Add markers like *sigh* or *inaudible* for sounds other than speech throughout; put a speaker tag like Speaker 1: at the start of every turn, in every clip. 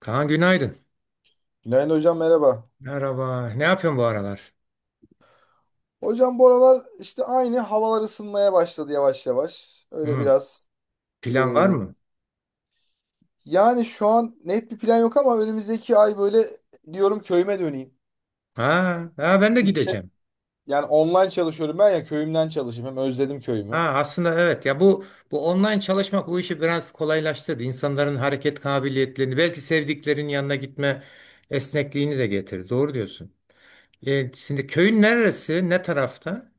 Speaker 1: Kaan günaydın.
Speaker 2: Günaydın hocam, merhaba.
Speaker 1: Merhaba. Ne yapıyorsun bu aralar?
Speaker 2: Hocam bu aralar işte aynı havalar ısınmaya başladı yavaş yavaş. Öyle
Speaker 1: Hı.
Speaker 2: biraz. e,
Speaker 1: Plan var mı?
Speaker 2: Yani şu an net bir plan yok ama önümüzdeki ay böyle diyorum, köyüme döneyim.
Speaker 1: Ha, ha ben de
Speaker 2: İşte
Speaker 1: gideceğim.
Speaker 2: yani online çalışıyorum, ben ya köyümden çalışayım. Hem özledim
Speaker 1: Ha
Speaker 2: köyümü.
Speaker 1: aslında evet ya bu bu online çalışmak bu işi biraz kolaylaştırdı. İnsanların hareket kabiliyetlerini, belki sevdiklerinin yanına gitme esnekliğini de getirdi. Doğru diyorsun. Şimdi köyün neresi? Ne tarafta?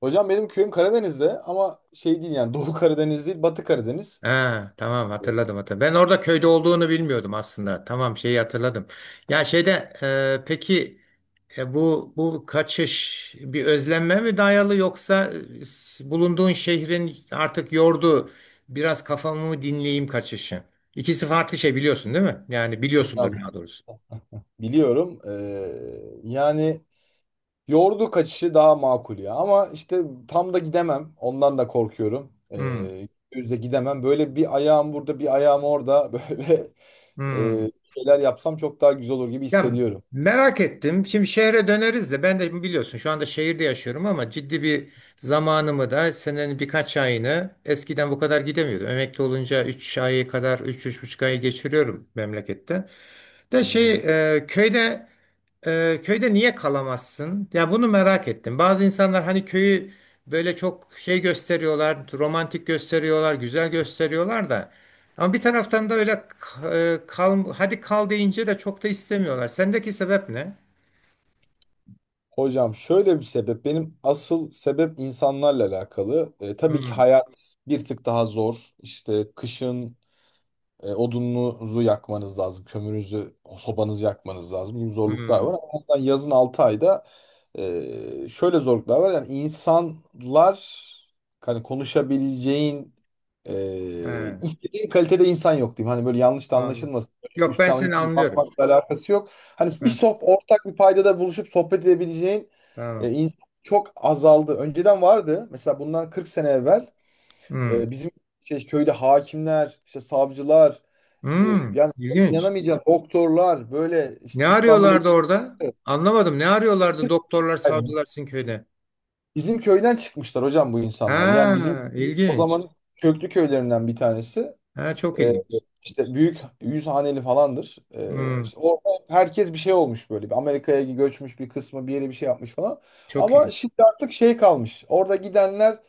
Speaker 2: Hocam benim köyüm Karadeniz'de ama şey değil, yani Doğu Karadeniz değil, Batı Karadeniz.
Speaker 1: Ha, tamam
Speaker 2: Evet.
Speaker 1: hatırladım hatırladım. Ben orada köyde olduğunu bilmiyordum aslında. Tamam şeyi hatırladım. Ya şeyde peki, bu bu kaçış bir özlenme mi dayalı yoksa bulunduğun şehrin artık yordu, biraz kafamı mı dinleyeyim kaçışı. İkisi farklı şey biliyorsun değil mi? Yani biliyorsundur
Speaker 2: Hocam
Speaker 1: daha doğrusu.
Speaker 2: biliyorum. Yani yoğurdu kaçışı daha makul ya. Ama işte tam da gidemem. Ondan da korkuyorum.
Speaker 1: Hmm,
Speaker 2: Yüzde gidemem. Böyle bir ayağım burada, bir ayağım orada. *laughs* Böyle
Speaker 1: hmm.
Speaker 2: şeyler yapsam çok daha güzel olur gibi
Speaker 1: Ya
Speaker 2: hissediyorum.
Speaker 1: merak ettim. Şimdi şehre döneriz de ben de biliyorsun şu anda şehirde yaşıyorum ama ciddi bir zamanımı da senenin birkaç ayını eskiden bu kadar gidemiyordum. Emekli olunca üç ayı kadar üç buçuk ayı geçiriyorum memlekette. De
Speaker 2: Hı
Speaker 1: şey
Speaker 2: hı.
Speaker 1: köyde, köyde niye kalamazsın? Ya bunu merak ettim. Bazı insanlar hani köyü böyle çok şey gösteriyorlar, romantik gösteriyorlar, güzel gösteriyorlar da. Ama bir taraftan da öyle kal, hadi kal deyince de çok da istemiyorlar. Sendeki sebep ne?
Speaker 2: Hocam şöyle bir sebep. Benim asıl sebep insanlarla alakalı. E, tabii ki
Speaker 1: Hmm,
Speaker 2: hayat bir tık daha zor. İşte kışın odununuzu yakmanız lazım. Kömürünüzü, sobanızı yakmanız lazım gibi zorluklar var.
Speaker 1: hmm,
Speaker 2: Ama aslında yazın 6 ayda şöyle zorluklar var. Yani insanlar hani konuşabileceğin,
Speaker 1: he,
Speaker 2: istediğin kalitede insan yok diyeyim. Hani böyle yanlış da
Speaker 1: anladım.
Speaker 2: anlaşılmasın. Böyle
Speaker 1: Yok ben
Speaker 2: üstten hani
Speaker 1: seni
Speaker 2: bir
Speaker 1: anlıyorum.
Speaker 2: bakmakla alakası yok. Hani bir
Speaker 1: Heh,
Speaker 2: sohbet, ortak bir paydada buluşup sohbet edebileceğin
Speaker 1: tamam.
Speaker 2: insan çok azaldı. Önceden vardı. Mesela bundan 40 sene evvel
Speaker 1: Hmm,
Speaker 2: bizim köyde hakimler, işte savcılar, işte
Speaker 1: hmm,
Speaker 2: yani
Speaker 1: ilginç.
Speaker 2: inanamayacağın doktorlar, böyle
Speaker 1: Ne
Speaker 2: işte İstanbul'a
Speaker 1: arıyorlardı orada? Anlamadım. Ne arıyorlardı doktorlar, savcılar sizin köyde?
Speaker 2: bizim köyden çıkmışlar hocam bu insanlar. Yani bizim
Speaker 1: Ha,
Speaker 2: o
Speaker 1: ilginç.
Speaker 2: zaman köklü köylerinden bir tanesi.
Speaker 1: Ha, çok
Speaker 2: E,
Speaker 1: ilginç.
Speaker 2: işte büyük, 100 haneli falandır. E,
Speaker 1: Hmm,
Speaker 2: işte orada herkes bir şey olmuş böyle. Bir Amerika'ya göçmüş, bir kısmı bir yere bir şey yapmış falan.
Speaker 1: çok
Speaker 2: Ama
Speaker 1: iyi.
Speaker 2: şimdi artık şey kalmış. Orada gidenler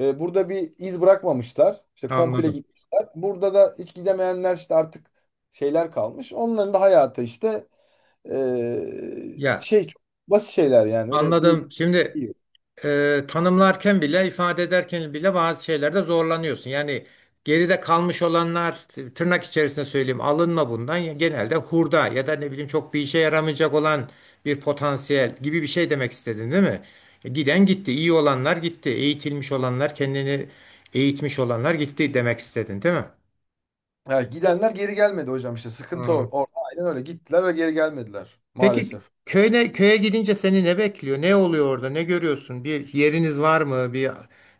Speaker 2: Burada bir iz bırakmamışlar. İşte komple
Speaker 1: Anladım.
Speaker 2: gitmişler. Burada da hiç gidemeyenler işte artık şeyler kalmış. Onların da hayatı işte
Speaker 1: Ya
Speaker 2: çok basit şeyler yani. Öyle bir.
Speaker 1: anladım. Şimdi tanımlarken bile ifade ederken bile bazı şeylerde zorlanıyorsun. Yani geride kalmış olanlar, tırnak içerisinde söyleyeyim, alınma bundan. Genelde hurda ya da ne bileyim çok bir işe yaramayacak olan bir potansiyel gibi bir şey demek istedin değil mi? Giden gitti. İyi olanlar gitti. Eğitilmiş olanlar, kendini eğitmiş olanlar gitti demek istedin değil mi?
Speaker 2: Ha, gidenler geri gelmedi hocam, işte sıkıntı o. Orada aynen öyle gittiler ve geri gelmediler
Speaker 1: Peki
Speaker 2: maalesef.
Speaker 1: köye gidince seni ne bekliyor? Ne oluyor orada? Ne görüyorsun? Bir yeriniz var mı? Bir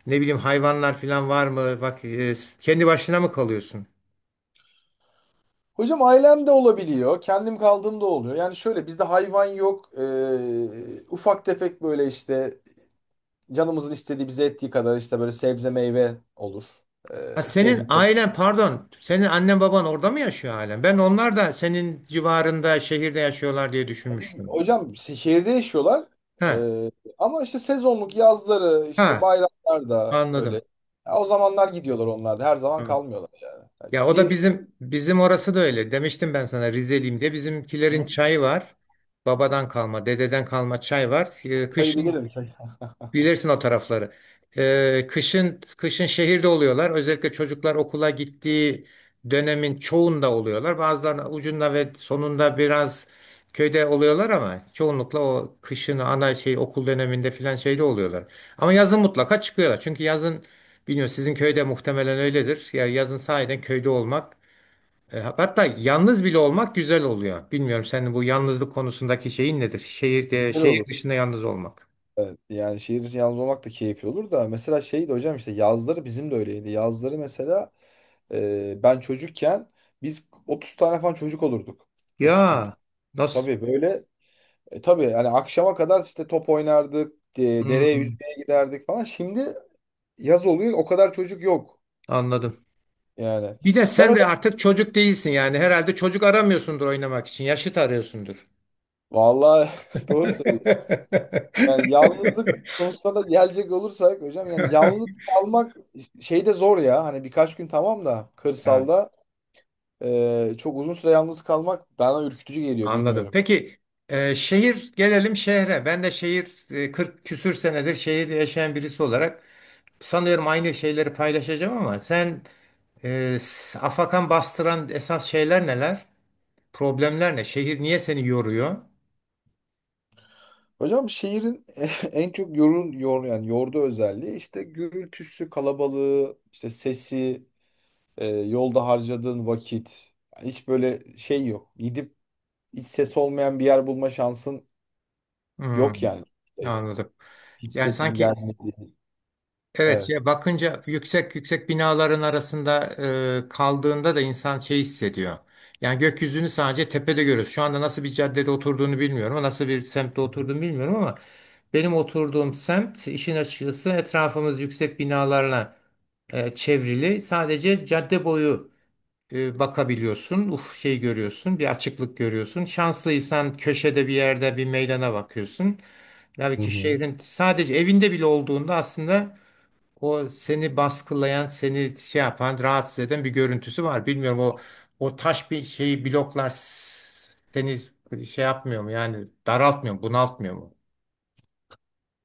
Speaker 1: ne bileyim hayvanlar falan var mı? Bak kendi başına mı kalıyorsun?
Speaker 2: Hocam ailem de olabiliyor. Kendim kaldığım da oluyor. Yani şöyle, bizde hayvan yok. E, ufak tefek böyle işte canımızın istediği, bize ettiği kadar işte böyle sebze meyve olur.
Speaker 1: Ha,
Speaker 2: E,
Speaker 1: senin
Speaker 2: keyfim.
Speaker 1: ailen pardon, senin annen baban orada mı yaşıyor halen? Ben onlar da senin civarında şehirde yaşıyorlar diye düşünmüştüm.
Speaker 2: Hocam şehirde yaşıyorlar.
Speaker 1: Ha,
Speaker 2: Ee, Ama işte sezonluk, yazları, işte
Speaker 1: ha
Speaker 2: bayramlarda böyle.
Speaker 1: anladım.
Speaker 2: Ya o zamanlar gidiyorlar onlar da. Her zaman
Speaker 1: Tamam.
Speaker 2: kalmıyorlar. Yani
Speaker 1: Ya o da
Speaker 2: bir
Speaker 1: bizim orası da öyle. Demiştim ben sana Rizeliyim diye. Bizimkilerin çayı var. Babadan kalma, dededen kalma çay var. E, kışın
Speaker 2: kaybederim.
Speaker 1: bilirsin o tarafları. Kışın şehirde oluyorlar. Özellikle çocuklar okula gittiği dönemin çoğunda oluyorlar. Bazılarının ucunda ve sonunda biraz köyde oluyorlar ama çoğunlukla o kışın ana şey okul döneminde filan şeyde oluyorlar. Ama yazın mutlaka çıkıyorlar. Çünkü yazın bilmiyorum sizin köyde muhtemelen öyledir. Ya yazın sahiden köyde olmak, hatta yalnız bile olmak güzel oluyor. Bilmiyorum senin bu yalnızlık konusundaki şeyin nedir? Şehirde,
Speaker 2: Güzel
Speaker 1: şehir
Speaker 2: olur.
Speaker 1: dışında yalnız olmak.
Speaker 2: Evet, yani şehir içi yalnız olmak da keyifli olur da. Mesela şeydi hocam, işte yazları bizim de öyleydi. Yazları mesela ben çocukken biz 30 tane falan çocuk olurduk. 30-40.
Speaker 1: Ya nasıl?
Speaker 2: Tabii böyle tabii yani akşama kadar işte top oynardık. Dereye
Speaker 1: Hmm,
Speaker 2: yüzmeye giderdik falan. Şimdi yaz oluyor, o kadar çocuk yok.
Speaker 1: anladım.
Speaker 2: Yani
Speaker 1: Bir de
Speaker 2: ben
Speaker 1: sen de
Speaker 2: hocam
Speaker 1: artık çocuk değilsin yani herhalde çocuk aramıyorsundur, oynamak için yaşıt arıyorsundur.
Speaker 2: vallahi *laughs* doğru söylüyorsun. Yani yalnızlık konusuna da gelecek olursak hocam, yani yalnız kalmak şeyde zor ya. Hani birkaç gün tamam da
Speaker 1: Evet.
Speaker 2: kırsalda çok uzun süre yalnız kalmak bana ürkütücü geliyor,
Speaker 1: Anladım.
Speaker 2: bilmiyorum.
Speaker 1: Peki şehir gelelim şehre. Ben de şehir 40 küsür senedir şehirde yaşayan birisi olarak sanıyorum aynı şeyleri paylaşacağım ama sen afakan bastıran esas şeyler neler? Problemler ne? Şehir niye seni yoruyor?
Speaker 2: Hocam şehrin *laughs* en çok yorun yor yani yorduğu özelliği işte gürültüsü, kalabalığı, işte sesi, yolda harcadığın vakit. Hiç böyle şey yok. Gidip hiç ses olmayan bir yer bulma şansın
Speaker 1: Hmm,
Speaker 2: yok yani. E,
Speaker 1: anladım.
Speaker 2: hiç
Speaker 1: Yani
Speaker 2: sesin
Speaker 1: sanki
Speaker 2: gelmedi.
Speaker 1: evet
Speaker 2: Evet.
Speaker 1: ya bakınca yüksek yüksek binaların arasında kaldığında da insan şey hissediyor. Yani gökyüzünü sadece tepede görüyoruz. Şu anda nasıl bir caddede oturduğunu bilmiyorum, nasıl bir semtte oturduğunu bilmiyorum ama benim oturduğum semt işin açıkçası etrafımız yüksek binalarla çevrili. Sadece cadde boyu bakabiliyorsun. Uf şey görüyorsun, bir açıklık görüyorsun. Şanslıysan köşede bir yerde bir meydana bakıyorsun. Tabii
Speaker 2: Hı
Speaker 1: ki
Speaker 2: hı.
Speaker 1: şehrin sadece evinde bile olduğunda aslında o seni baskılayan, seni şey yapan, rahatsız eden bir görüntüsü var. Bilmiyorum o taş bir şeyi bloklar seni şey yapmıyor mu? Yani daraltmıyor mu, bunaltmıyor mu?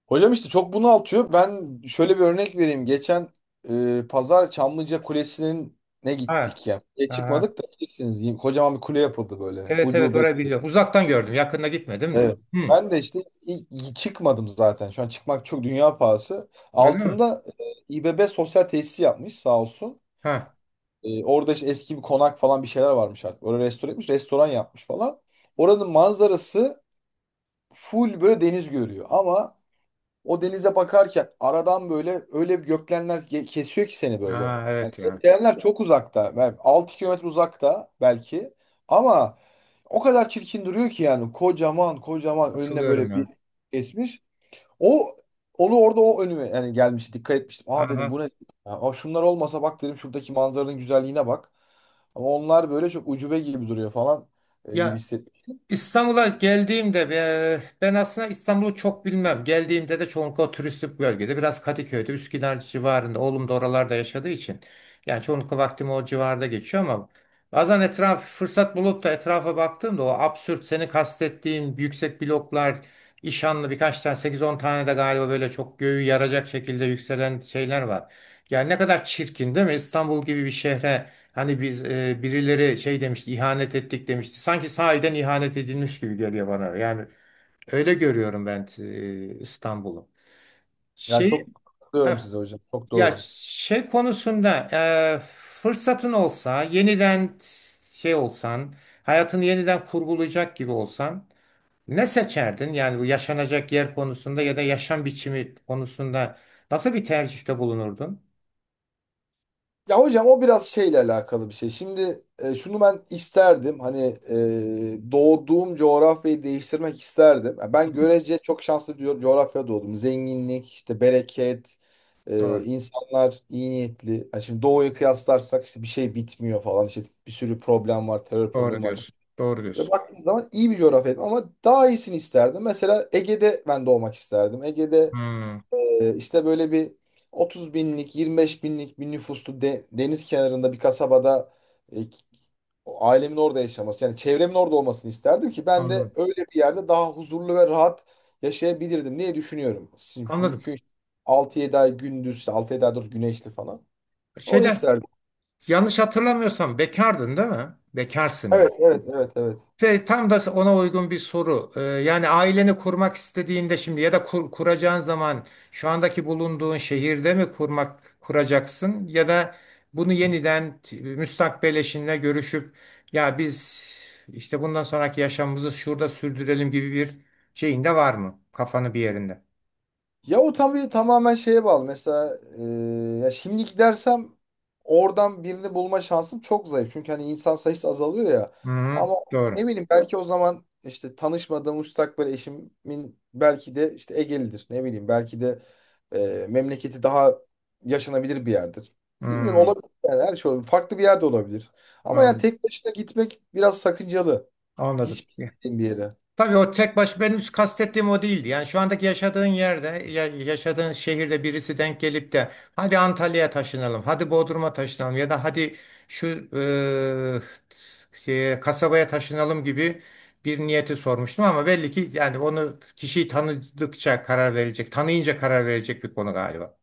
Speaker 2: Hocam işte çok bunaltıyor. Ben şöyle bir örnek vereyim. Geçen pazar Çamlıca Kulesi'nin ne
Speaker 1: Ha,
Speaker 2: gittik ya. E,
Speaker 1: aha.
Speaker 2: çıkmadık da bilirsiniz. Yine kocaman bir kule yapıldı böyle.
Speaker 1: Evet evet
Speaker 2: Ucube
Speaker 1: orayı
Speaker 2: gibi.
Speaker 1: biliyorum. Uzaktan gördüm, yakında gitmedim de.
Speaker 2: Evet.
Speaker 1: Hı.
Speaker 2: Ben de işte ilk çıkmadım zaten. Şu an çıkmak çok dünya pahası.
Speaker 1: Öyle mi?
Speaker 2: Altında İBB sosyal tesisi yapmış sağ olsun.
Speaker 1: Ha.
Speaker 2: E, orada işte eski bir konak falan bir şeyler varmış artık. Orayı restore etmiş. Restoran yapmış falan. Oranın manzarası full böyle deniz görüyor. Ama o denize bakarken aradan böyle öyle bir gökdelenler kesiyor ki seni böyle.
Speaker 1: Ha
Speaker 2: Yani
Speaker 1: evet ya.
Speaker 2: gökdelenler çok uzakta. Yani 6 kilometre uzakta belki. Ama o kadar çirkin duruyor ki, yani kocaman kocaman önüne
Speaker 1: Hatırlıyorum
Speaker 2: böyle bir
Speaker 1: ya.
Speaker 2: kesmiş. O onu orada, o önüme yani gelmişti, dikkat etmiştim. "Aa," dedim, "bu
Speaker 1: Aha.
Speaker 2: ne? Ya, aa, şunlar olmasa," bak dedim, "şuradaki manzaranın güzelliğine bak. Ama onlar böyle çok ucube gibi duruyor falan" gibi
Speaker 1: Ya
Speaker 2: hissettim.
Speaker 1: İstanbul'a geldiğimde ben aslında İstanbul'u çok bilmem. Geldiğimde de çoğunlukla o turistik bölgede, biraz Kadıköy'de, Üsküdar civarında. Oğlum da oralarda yaşadığı için. Yani çoğunlukla vaktim o civarda geçiyor ama bazen etraf fırsat bulup da etrafa baktığımda o absürt, seni kastettiğin yüksek bloklar, işanlı birkaç tane sekiz on tane de galiba böyle çok göğü yaracak şekilde yükselen şeyler var. Yani ne kadar çirkin değil mi? İstanbul gibi bir şehre. Hani biz birileri şey demişti, ihanet ettik demişti. Sanki sahiden ihanet edilmiş gibi geliyor bana. Yani öyle görüyorum ben İstanbul'u.
Speaker 2: Yani
Speaker 1: Şey
Speaker 2: çok katılıyorum
Speaker 1: ha,
Speaker 2: size hocam. Çok
Speaker 1: ya
Speaker 2: doğru.
Speaker 1: şey konusunda e, fırsatın olsa, yeniden şey olsan, hayatını yeniden kurgulayacak gibi olsan ne seçerdin? Yani bu yaşanacak yer konusunda ya da yaşam biçimi konusunda nasıl bir tercihte bulunurdun?
Speaker 2: Ya hocam o biraz şeyle alakalı bir şey. Şimdi şunu ben isterdim. Hani doğduğum coğrafyayı değiştirmek isterdim. Ya ben görece çok şanslı bir coğrafyada doğdum. Zenginlik, işte bereket,
Speaker 1: Doğru.
Speaker 2: insanlar iyi niyetli. Ya şimdi doğuyu kıyaslarsak işte bir şey bitmiyor falan. İşte bir sürü problem var, terör
Speaker 1: Doğru
Speaker 2: problemi var.
Speaker 1: diyorsun. Doğru
Speaker 2: Ve
Speaker 1: diyorsun.
Speaker 2: baktığınız zaman iyi bir coğrafyaydım ama daha iyisini isterdim. Mesela Ege'de ben doğmak isterdim. Ege'de
Speaker 1: Hmm,
Speaker 2: İşte böyle bir 30 binlik, 25 binlik bir nüfuslu deniz kenarında bir kasabada e, o ailemin orada yaşaması, yani çevremin orada olmasını isterdim ki ben de
Speaker 1: anladım.
Speaker 2: öyle bir yerde daha huzurlu ve rahat yaşayabilirdim diye düşünüyorum. Şimdi
Speaker 1: Anladım.
Speaker 2: çünkü 6 7 ay gündüz, işte altı yedi 7 ay dur güneşli falan. Onu
Speaker 1: Şeyden
Speaker 2: isterdim.
Speaker 1: yanlış hatırlamıyorsam bekardın değil mi? Bekarsın yani.
Speaker 2: Evet, evet, evet, evet.
Speaker 1: Ve tam da ona uygun bir soru. Yani aileni kurmak istediğinde şimdi ya da kuracağın zaman şu andaki bulunduğun şehirde mi kurmak kuracaksın ya da bunu yeniden müstakbel eşinle görüşüp ya biz işte bundan sonraki yaşamımızı şurada sürdürelim gibi bir şeyin de var mı? Kafanı bir yerinde.
Speaker 2: Ya o tabii tamamen şeye bağlı. Mesela ya şimdi gidersem oradan birini bulma şansım çok zayıf. Çünkü hani insan sayısı azalıyor ya.
Speaker 1: Hı hı,
Speaker 2: Ama
Speaker 1: doğru.
Speaker 2: ne bileyim, belki o zaman işte tanışmadığım müstakbel eşimin belki de işte Egelidir. Ne bileyim, belki de memleketi daha yaşanabilir bir yerdir. Bilmiyorum,
Speaker 1: Hı,
Speaker 2: olabilir yani, her şey olabilir. Farklı bir yerde olabilir. Ama yani
Speaker 1: an-
Speaker 2: tek başına gitmek biraz sakıncalı.
Speaker 1: anladım.
Speaker 2: Hiç bilmediğim bir yere.
Speaker 1: Tabii o tek baş benim kastettiğim o değildi. Yani şu andaki yaşadığın yerde, yaşadığın şehirde birisi denk gelip de hadi Antalya'ya taşınalım, hadi Bodrum'a taşınalım ya da hadi şu şeye, kasabaya taşınalım gibi bir niyeti sormuştum ama belli ki yani onu kişiyi tanıdıkça karar verecek, tanıyınca karar verecek bir konu galiba.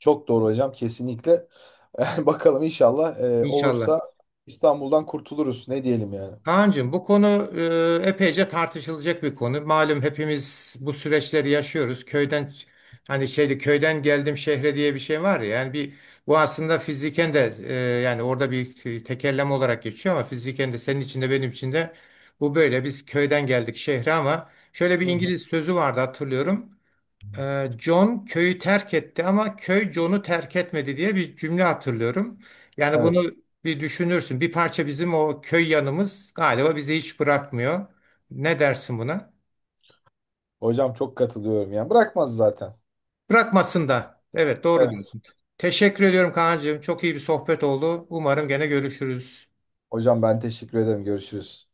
Speaker 2: Çok doğru hocam, kesinlikle. *laughs* Bakalım inşallah
Speaker 1: İnşallah.
Speaker 2: olursa İstanbul'dan kurtuluruz. Ne diyelim yani.
Speaker 1: Kaan'cığım bu konu epeyce tartışılacak bir konu. Malum hepimiz bu süreçleri yaşıyoruz. Köyden hani şeyde köyden geldim şehre diye bir şey var ya. Yani bir bu aslında fiziken de yani orada bir tekerleme olarak geçiyor ama fiziken de senin için de benim için de bu böyle. Biz köyden geldik şehre ama şöyle bir
Speaker 2: Hı hı.
Speaker 1: İngiliz sözü vardı hatırlıyorum. John köyü terk etti ama köy John'u terk etmedi diye bir cümle hatırlıyorum. Yani
Speaker 2: Evet.
Speaker 1: bunu bir düşünürsün. Bir parça bizim o köy yanımız galiba bizi hiç bırakmıyor. Ne dersin buna?
Speaker 2: Hocam çok katılıyorum yani. Bırakmaz zaten.
Speaker 1: Bırakmasın da. Evet doğru
Speaker 2: Evet.
Speaker 1: diyorsun. Teşekkür ediyorum Kaan'cığım. Çok iyi bir sohbet oldu. Umarım gene görüşürüz.
Speaker 2: Hocam ben teşekkür ederim. Görüşürüz.